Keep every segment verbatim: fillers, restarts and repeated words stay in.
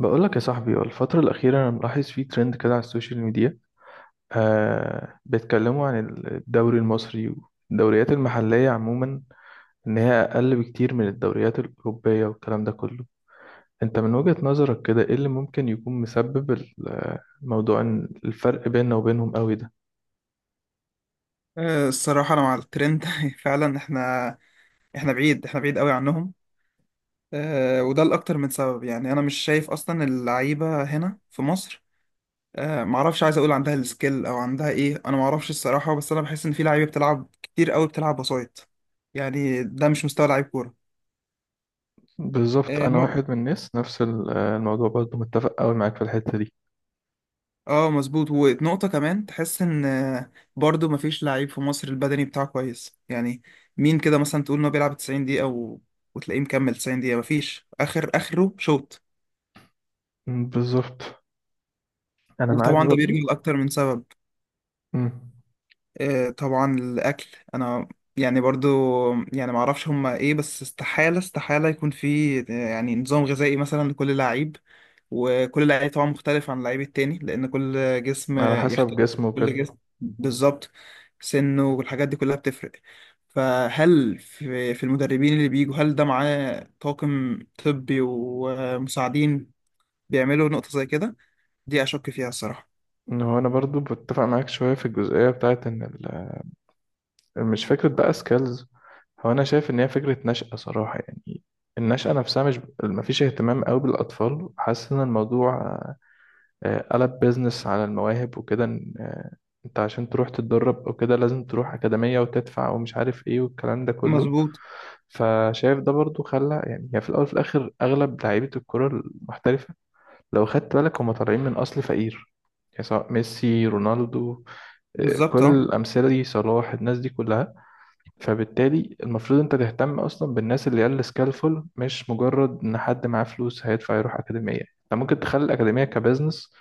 بقولك يا صاحبي، الفترة الأخيرة أنا ملاحظ فيه ترند كده على السوشيال ميديا. آه بيتكلموا عن الدوري المصري والدوريات المحلية عموما، إن هي أقل بكتير من الدوريات الأوروبية والكلام ده كله. أنت من وجهة نظرك كده إيه اللي ممكن يكون مسبب ال- موضوع إن الفرق بيننا وبينهم قوي ده؟ آه، الصراحة أنا مع الترند فعلا إحنا إحنا بعيد إحنا بعيد قوي عنهم. آه، وده لأكتر من سبب. يعني أنا مش شايف أصلا اللعيبة هنا في مصر. آه، معرفش، عايز أقول عندها السكيل أو عندها إيه، أنا معرفش الصراحة، بس أنا بحس إن في لعيبة بتلعب كتير قوي، بتلعب وسايط. يعني ده مش مستوى لعيب كورة. بالظبط، آه، أنا نق- واحد من الناس نفس ال- الموضوع، برضه متفق قوي معاك في الحتة دي. آه، مظبوط. ونقطة كمان تحس إن، آه، برضو مفيش لعيب في مصر البدني بتاعه كويس يعني. مين كده مثلا تقول إن هو بيلعب تسعين دقيقة و... وتلاقيه مكمل تسعين دقيقة؟ مفيش، آخر آخره شوط. مم، بالظبط، أنا معاك وطبعا ده برضه. بيرجع لأكتر من سبب. مم، آه، طبعا الأكل. أنا يعني، برضو يعني ما اعرفش هما ايه، بس استحالة استحالة يكون في، آه، يعني نظام غذائي مثلا لكل لعيب. وكل لعيب طبعا مختلف عن اللعيب التاني، لأن كل جسم على حسب يختلف. جسمه كل وكده. جسم بالظبط، سنه والحاجات دي كلها بتفرق. فهل في في المدربين اللي بيجوا، هل ده معاه طاقم طبي ومساعدين بيعملوا نقطة زي كده؟ دي أشك فيها الصراحة. إن هو انا برضو بتفق معاك شويه في الجزئيه بتاعت ان ال- مش فكره بقى سكيلز. هو انا شايف ان هي فكره نشأة صراحه، يعني النشأة نفسها. مش مفيش اهتمام قوي بالاطفال، حاسس ان الموضوع آه، قلب بيزنس على المواهب وكده. إن، آه، انت عشان تروح تتدرب او كده لازم تروح اكاديميه وتدفع ومش عارف ايه والكلام ده كله. مظبوط فشايف ده برضو خلى، يعني هي في الاول وفي الاخر اغلب لعيبه الكره المحترفه، لو خدت بالك، هم طالعين من اصل فقير، يعني سواء ميسي، رونالدو، بالظبط. كل اه، الأمثلة دي، صلاح، الناس دي كلها. فبالتالي المفروض أنت تهتم أصلا بالناس اللي قال سكالفول، مش مجرد إن حد معاه فلوس هيدفع يروح أكاديمية. أنت ممكن تخلي الأكاديمية كبزنس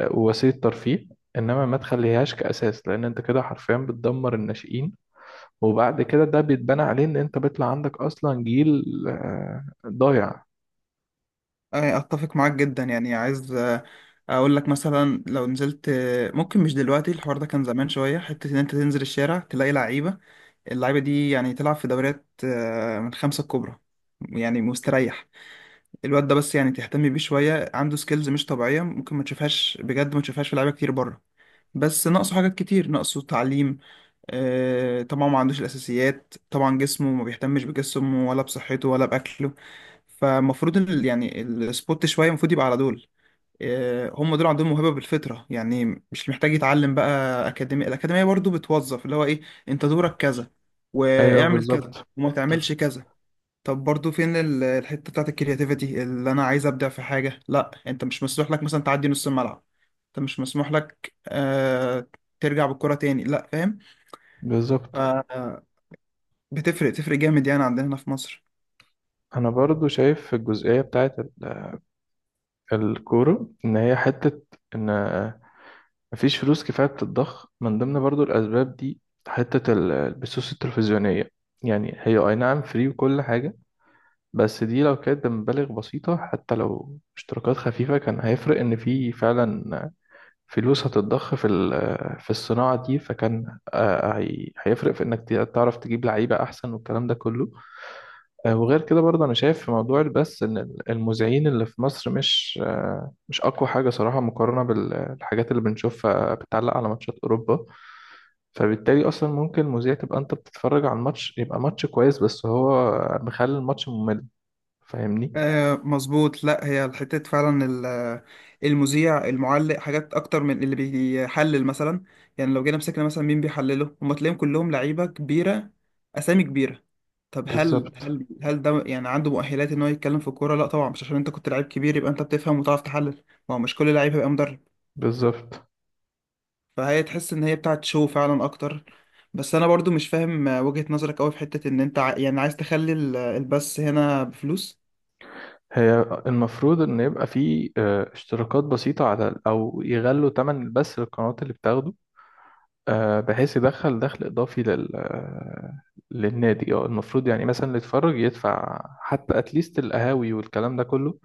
آه، ووسيلة ترفيه، إنما ما تخليهاش كأساس، لأن أنت كده حرفيا بتدمر الناشئين. وبعد كده ده بيتبنى عليه إن أنت بيطلع عندك أصلا جيل آه، ضايع. آه، اتفق معاك جدا. يعني عايز، آه، اقول لك مثلا لو نزلت، آه، ممكن مش دلوقتي، الحوار ده كان زمان شويه، حته ان انت تنزل الشارع تلاقي لعيبه. اللعيبه دي يعني تلعب في دوريات، آه، من خمسه الكبرى يعني، مستريح. الواد ده بس يعني تهتم بيه شويه، عنده سكيلز مش طبيعيه ممكن ما تشوفهاش بجد، ما تشوفهاش في لعيبه كتير بره. بس ناقصه حاجات كتير، ناقصه تعليم. آه، طبعا ما عندوش الأساسيات، طبعا جسمه ما بيهتمش بجسمه ولا بصحته ولا بأكله. فالمفروض ال- يعني السبوت شوية المفروض يبقى على دول. آه، هم دول عندهم موهبة بالفطرة يعني، مش محتاج يتعلم بقى. أكاديمية الأكاديمية برضو بتوظف اللي هو إيه، أنت دورك كذا أيوه، واعمل كذا بالظبط. وما تعملش كذا. طب برضو فين ال- الحتة بتاعت الكرياتيفيتي؟ اللي أنا عايز أبدع في حاجة، لا، أنت مش مسموح لك مثلا تعدي نص الملعب، أنت مش مسموح لك، آه، ترجع بالكرة تاني، لا. بالظبط. فاهم. بتفرق، تفرق جامد يعني، عندنا هنا في مصر. أنا برضو شايف في الجزئية بتاعت ال- الكورة إن هي حتة إن مفيش فلوس كفاية بتتضخ من ضمن برضو الأسباب دي. حتة ال- البثوث التلفزيونية، يعني هي أي نعم فري وكل حاجة، بس دي لو كانت بمبالغ بسيطة حتى لو اشتراكات خفيفة كان هيفرق إن في فعلا فلوس هتتضخ في ال- في الصناعة دي. فكان آه، هي- هيفرق في إنك ت- تعرف تجيب لعيبة أحسن والكلام ده كله. آه، وغير كده برضه أنا شايف في موضوع البث إن ال- المذيعين اللي في مصر مش آه، مش أقوى حاجة صراحة مقارنة بالحاجات اللي بنشوفها بتعلق على ماتشات أوروبا. فبالتالي اصلا ممكن المذيع، تبقى انت بتتفرج على الماتش يبقى ماتش كويس، بس هو مخلي الماتش ممل. فاهمني؟ آه، مظبوط. لا، هي الحتة فعلا ال- المذيع المعلق حاجات اكتر من اللي بيحلل مثلا. يعني لو جينا مسكنا مثلا مين بيحلله، هم تلاقيهم كلهم لعيبة كبيرة، اسامي كبيرة. طب هل بالظبط. هل هل ده يعني عنده مؤهلات ان هو يتكلم في الكورة؟ لا طبعا، مش عشان انت كنت لعيب كبير يبقى انت بتفهم وتعرف تحلل، ما هو مش كل لعيب هيبقى مدرب. بالظبط، فهي تحس ان هي بتاعت شو فعلا اكتر. بس انا برضو مش فاهم، آه، وجهة نظرك قوي في حتة ان انت ع- يعني عايز تخلي ال- البث هنا بفلوس. هي المفروض ان يبقى في آه، اشتراكات بسيطة على ال- او يغلوا تمن بس للقنوات اللي بتاخده، آه، بحيث يدخل دخل اضافي لل آه، للنادي. اه، المفروض يعني مثلا اللي يتفرج يدفع، حتى اتليست القهاوي والكلام ده كله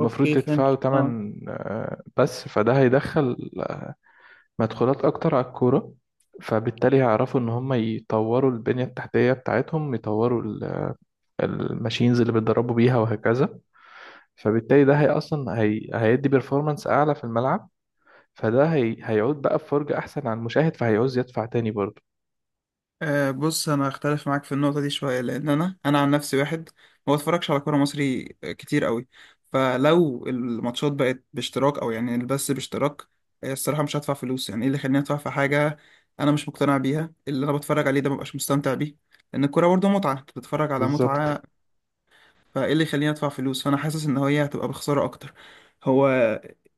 المفروض فهمت. يدفعوا اه، تمن آه، بس. فده هيدخل مدخولات أكتر على الكورة، فبالتالي هيعرفوا إن هم يطوروا البنية التحتية بتاعتهم، يطوروا ال- الماشينز اللي بيتدربوا بيها وهكذا. فبالتالي ده هي أصلا هي... هيدي بيرفورمانس أعلى في الملعب، فده هي... هيعود بقى بفرجة أحسن على المشاهد، فهيعوز يدفع تاني برضه. آه، بص انا اختلف معاك في النقطه دي شويه، لان انا انا عن نفسي واحد ما بتفرجش على كوره مصري كتير قوي. فلو الماتشات بقت باشتراك او يعني البث باشتراك، آه، الصراحه مش هدفع فلوس. يعني ايه اللي يخليني ادفع في حاجه انا مش مقتنع بيها؟ اللي انا بتفرج عليه ده مبقاش مستمتع بيه، لان الكوره برضه متعه، انت بتتفرج على بالظبط. متعه. فايه اللي يخليني ادفع فلوس؟ فانا حاسس ان هي هتبقى بخسارة اكتر. هو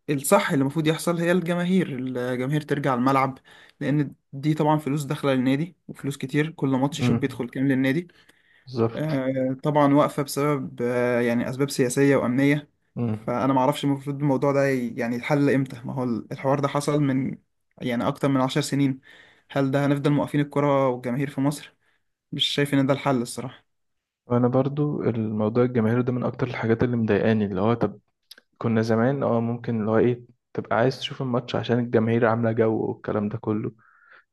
الصح اللي المفروض يحصل، هي الجماهير الجماهير ترجع الملعب. لان دي طبعا فلوس داخله للنادي، وفلوس كتير كل ماتش شوف مم. بيدخل كام للنادي. بالظبط. آه، طبعا واقفه بسبب، آه، يعني اسباب سياسيه وامنيه. مم. فانا ما اعرفش المفروض الموضوع ده ي- يعني يتحل امتى. ما هو الحوار ده حصل من، يعني اكتر من عشر سنين. هل ده هنفضل موقفين الكرة والجماهير في مصر؟ مش شايف ان ده الحل الصراحه. وأنا برضو الموضوع الجماهيري ده من أكتر الحاجات اللي مضايقاني. اللي هو طب كنا زمان اه ممكن اللي هو إيه تبقى عايز تشوف الماتش عشان الجماهير عاملة جو والكلام ده كله.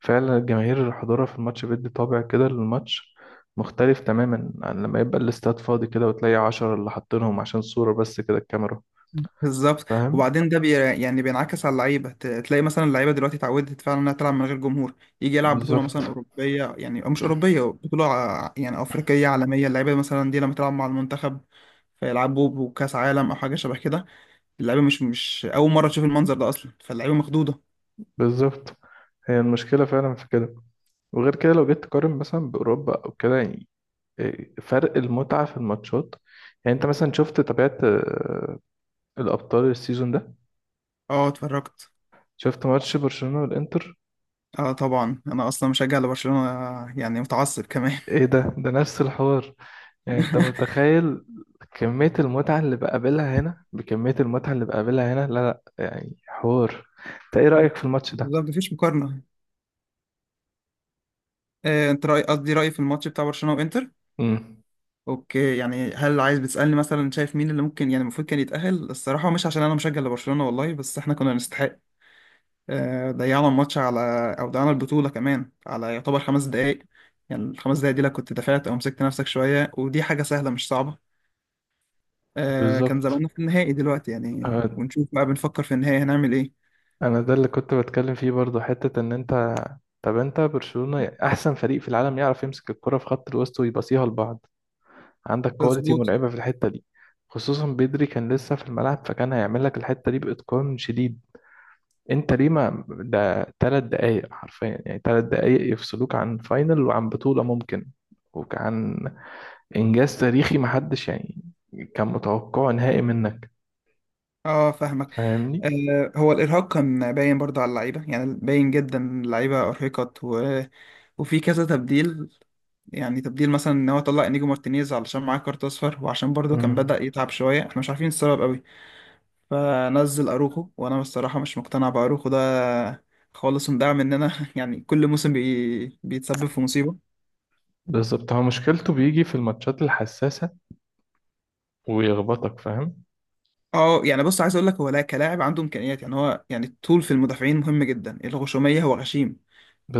فعلا الجماهير حضورها في الماتش بيدي طابع كده للماتش، مختلف تماما عن لما يبقى الاستاد فاضي كده وتلاقي عشرة اللي حاطينهم عشان صورة بس كده الكاميرا. بالظبط. فاهم؟ وبعدين ده بي يعني بينعكس على اللعيبه، ت- تلاقي مثلا اللعيبه دلوقتي اتعودت فعلا انها تلعب من غير جمهور. يجي يلعب بطوله مثلا بالظبط. اوروبيه يعني، او مش اوروبيه، بطوله ع- يعني افريقيه عالميه، اللعيبه مثلا دي لما تلعب مع المنتخب، فيلعبوا بكاس عالم او حاجه شبه كده، اللعيبه مش مش اول مره تشوف المنظر ده اصلا، فاللعيبه مخضوضه. بالظبط، هي المشكلة فعلا في كده. وغير كده لو جيت تقارن مثلا بأوروبا أو كده، يعني إيه فرق المتعة في الماتشات؟ يعني أنت مثلا شفت، تابعت آه، الأبطال السيزون ده؟ اه، اتفرجت. شفت ماتش برشلونة والإنتر؟ اه طبعا، انا اصلا مشجع لبرشلونه يعني، متعصب كمان. إيه ده، ده نفس الحوار. يعني انت متخيل كمية المتعة اللي بقابلها هنا بكمية المتعة اللي بقابلها هنا؟ لا لا، يعني حوار. انت ايه رأيك في الماتش ده؟ بالظبط، مفيش مقارنه. آه، انت راي قصدي رايي في الماتش بتاع برشلونه وانتر. امم، اوكي، يعني هل عايز بتسألني مثلا شايف مين اللي ممكن يعني المفروض كان يتأهل؟ الصراحة مش عشان انا مشجع لبرشلونة والله، بس احنا كنا نستحق. آه، ضيعنا الماتش على، او ضيعنا البطولة كمان على يعتبر خمس دقايق. يعني الخمس دقايق دي لو كنت دفعت او مسكت نفسك شوية، ودي حاجة سهلة مش صعبة، آه، كان بالظبط. زماننا في النهائي دلوقتي يعني، اه، ونشوف بقى، بنفكر في النهائي هنعمل ايه. انا ده اللي كنت بتكلم فيه برضو، حتة ان انت طب انت برشلونة احسن فريق في العالم يعرف يمسك الكرة في خط الوسط ويباصيها لبعض، عندك كواليتي مظبوط. مرعبة في الحتة دي. خصوصا بدري كان لسه في الملعب، فكان هيعمل لك الحتة دي بإتقان شديد. انت ليه ما ده تلات دقايق حرفيا، يعني تلات دقايق يفصلوك عن فاينل وعن بطولة ممكن وعن انجاز تاريخي محدش يعني كان متوقعه، نهائي منك. اه فاهمك. فاهمني؟ آه هو الارهاق كان باين برضه على اللعيبه، يعني باين جدا، اللعيبه ارهقت و... وفي كذا تبديل. يعني تبديل مثلا ان هو طلع انيجو مارتينيز علشان معاه كارت اصفر، وعشان برضه كان امم، بدأ يتعب شويه، احنا مش عارفين السبب قوي. فنزل اروخو، وانا بصراحه مش مقتنع باروخو ده خالص، ومدعم مننا يعني. كل موسم بي... بيتسبب في مصيبه. بالظبط. هو مشكلته بيجي في الماتشات الحساسة ويخبطك، فاهم؟ اه يعني بص، عايز اقول لك هو لا كلاعب عنده امكانيات، يعني هو يعني الطول في المدافعين مهم جدا، الغشوميه هو غشيم.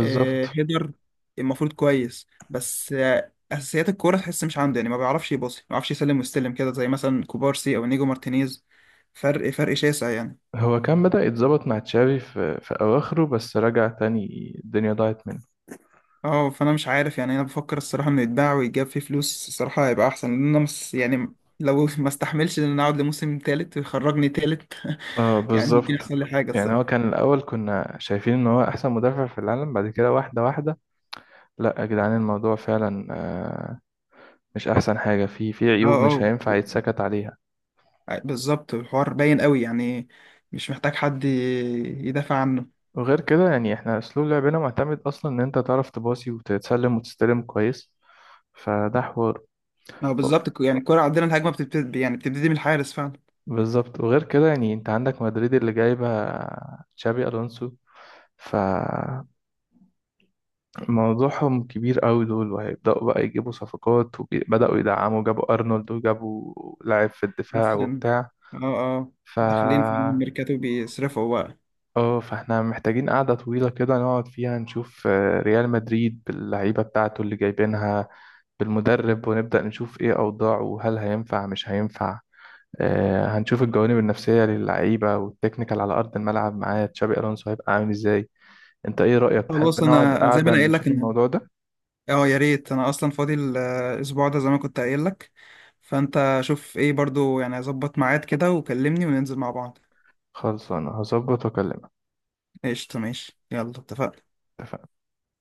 آه، هيدر المفروض كويس، بس آه، اساسيات الكوره تحس مش عنده، يعني ما بيعرفش يباصي، ما بيعرفش يسلم ويستلم كده، زي مثلا كوبارسي او نيجو مارتينيز. فرق، فرق شاسع يعني. هو كان بدأ يتظبط مع تشافي في, في أواخره، بس رجع تاني الدنيا ضاعت منه. اه فانا مش عارف يعني، انا بفكر الصراحه انه يتباع ويتجاب فيه فلوس، الصراحه هيبقى احسن، لان انا مس يعني، لو ما استحملش ان انا اقعد لموسم تالت ويخرجني تالت. اه، يعني ممكن بالظبط. يحصل لي حاجه يعني هو الصراحه. كان الأول كنا شايفين إن هو أحسن مدافع في العالم، بعد كده واحدة واحدة، لا يا جدعان، الموضوع فعلا آه، مش احسن حاجه، في في اه، عيوب مش اه، هينفع يتسكت عليها. بالظبط، الحوار باين قوي يعني، مش محتاج حد ي- يدافع عنه. وغير كده يعني احنا اسلوب لعبنا معتمد اصلا ان انت تعرف تباصي وتتسلم وتستلم كويس، فده حوار. ما هو و- بالظبط الك- يعني الكورة عندنا الهجمة بتبتدي يعني بتبتدي من الحارس فعلا. بالظبط. وغير كده يعني انت عندك مدريد اللي جايبه تشابي الونسو، فموضوعهم كبير قوي دول، وهيبداوا بقى يجيبوا صفقات وبداوا يدعموا، جابوا ارنولد وجابوا لاعب في الدفاع بس يعني، وبتاع. اه اه، ف داخلين في الميركاتو بيصرفوا بقى. اه، فاحنا محتاجين قعدة طويلة كده نقعد فيها نشوف آه، ريال مدريد باللعيبة بتاعته اللي جايبينها بالمدرب، ونبدأ نشوف ايه أوضاعه وهل هينفع مش هينفع. آه، هنشوف الجوانب النفسية للعيبة والتكنيكال على أرض الملعب، معاه تشابي ألونسو هيبقى عامل ازاي. انت ايه رأيك، تحب خلاص نقعد انا زي ما قعدة انا قايل لك نشوف ان، الموضوع ده؟ اه يا ريت، انا اصلا فاضي ال- الاسبوع ده زي ما كنت قايل لك، فانت شوف ايه برضو يعني، اظبط ميعاد كده وكلمني وننزل مع بعض. خلص، انا هظبط واكلمك. قشطة، ماشي، يلا اتفقنا. اتفقنا.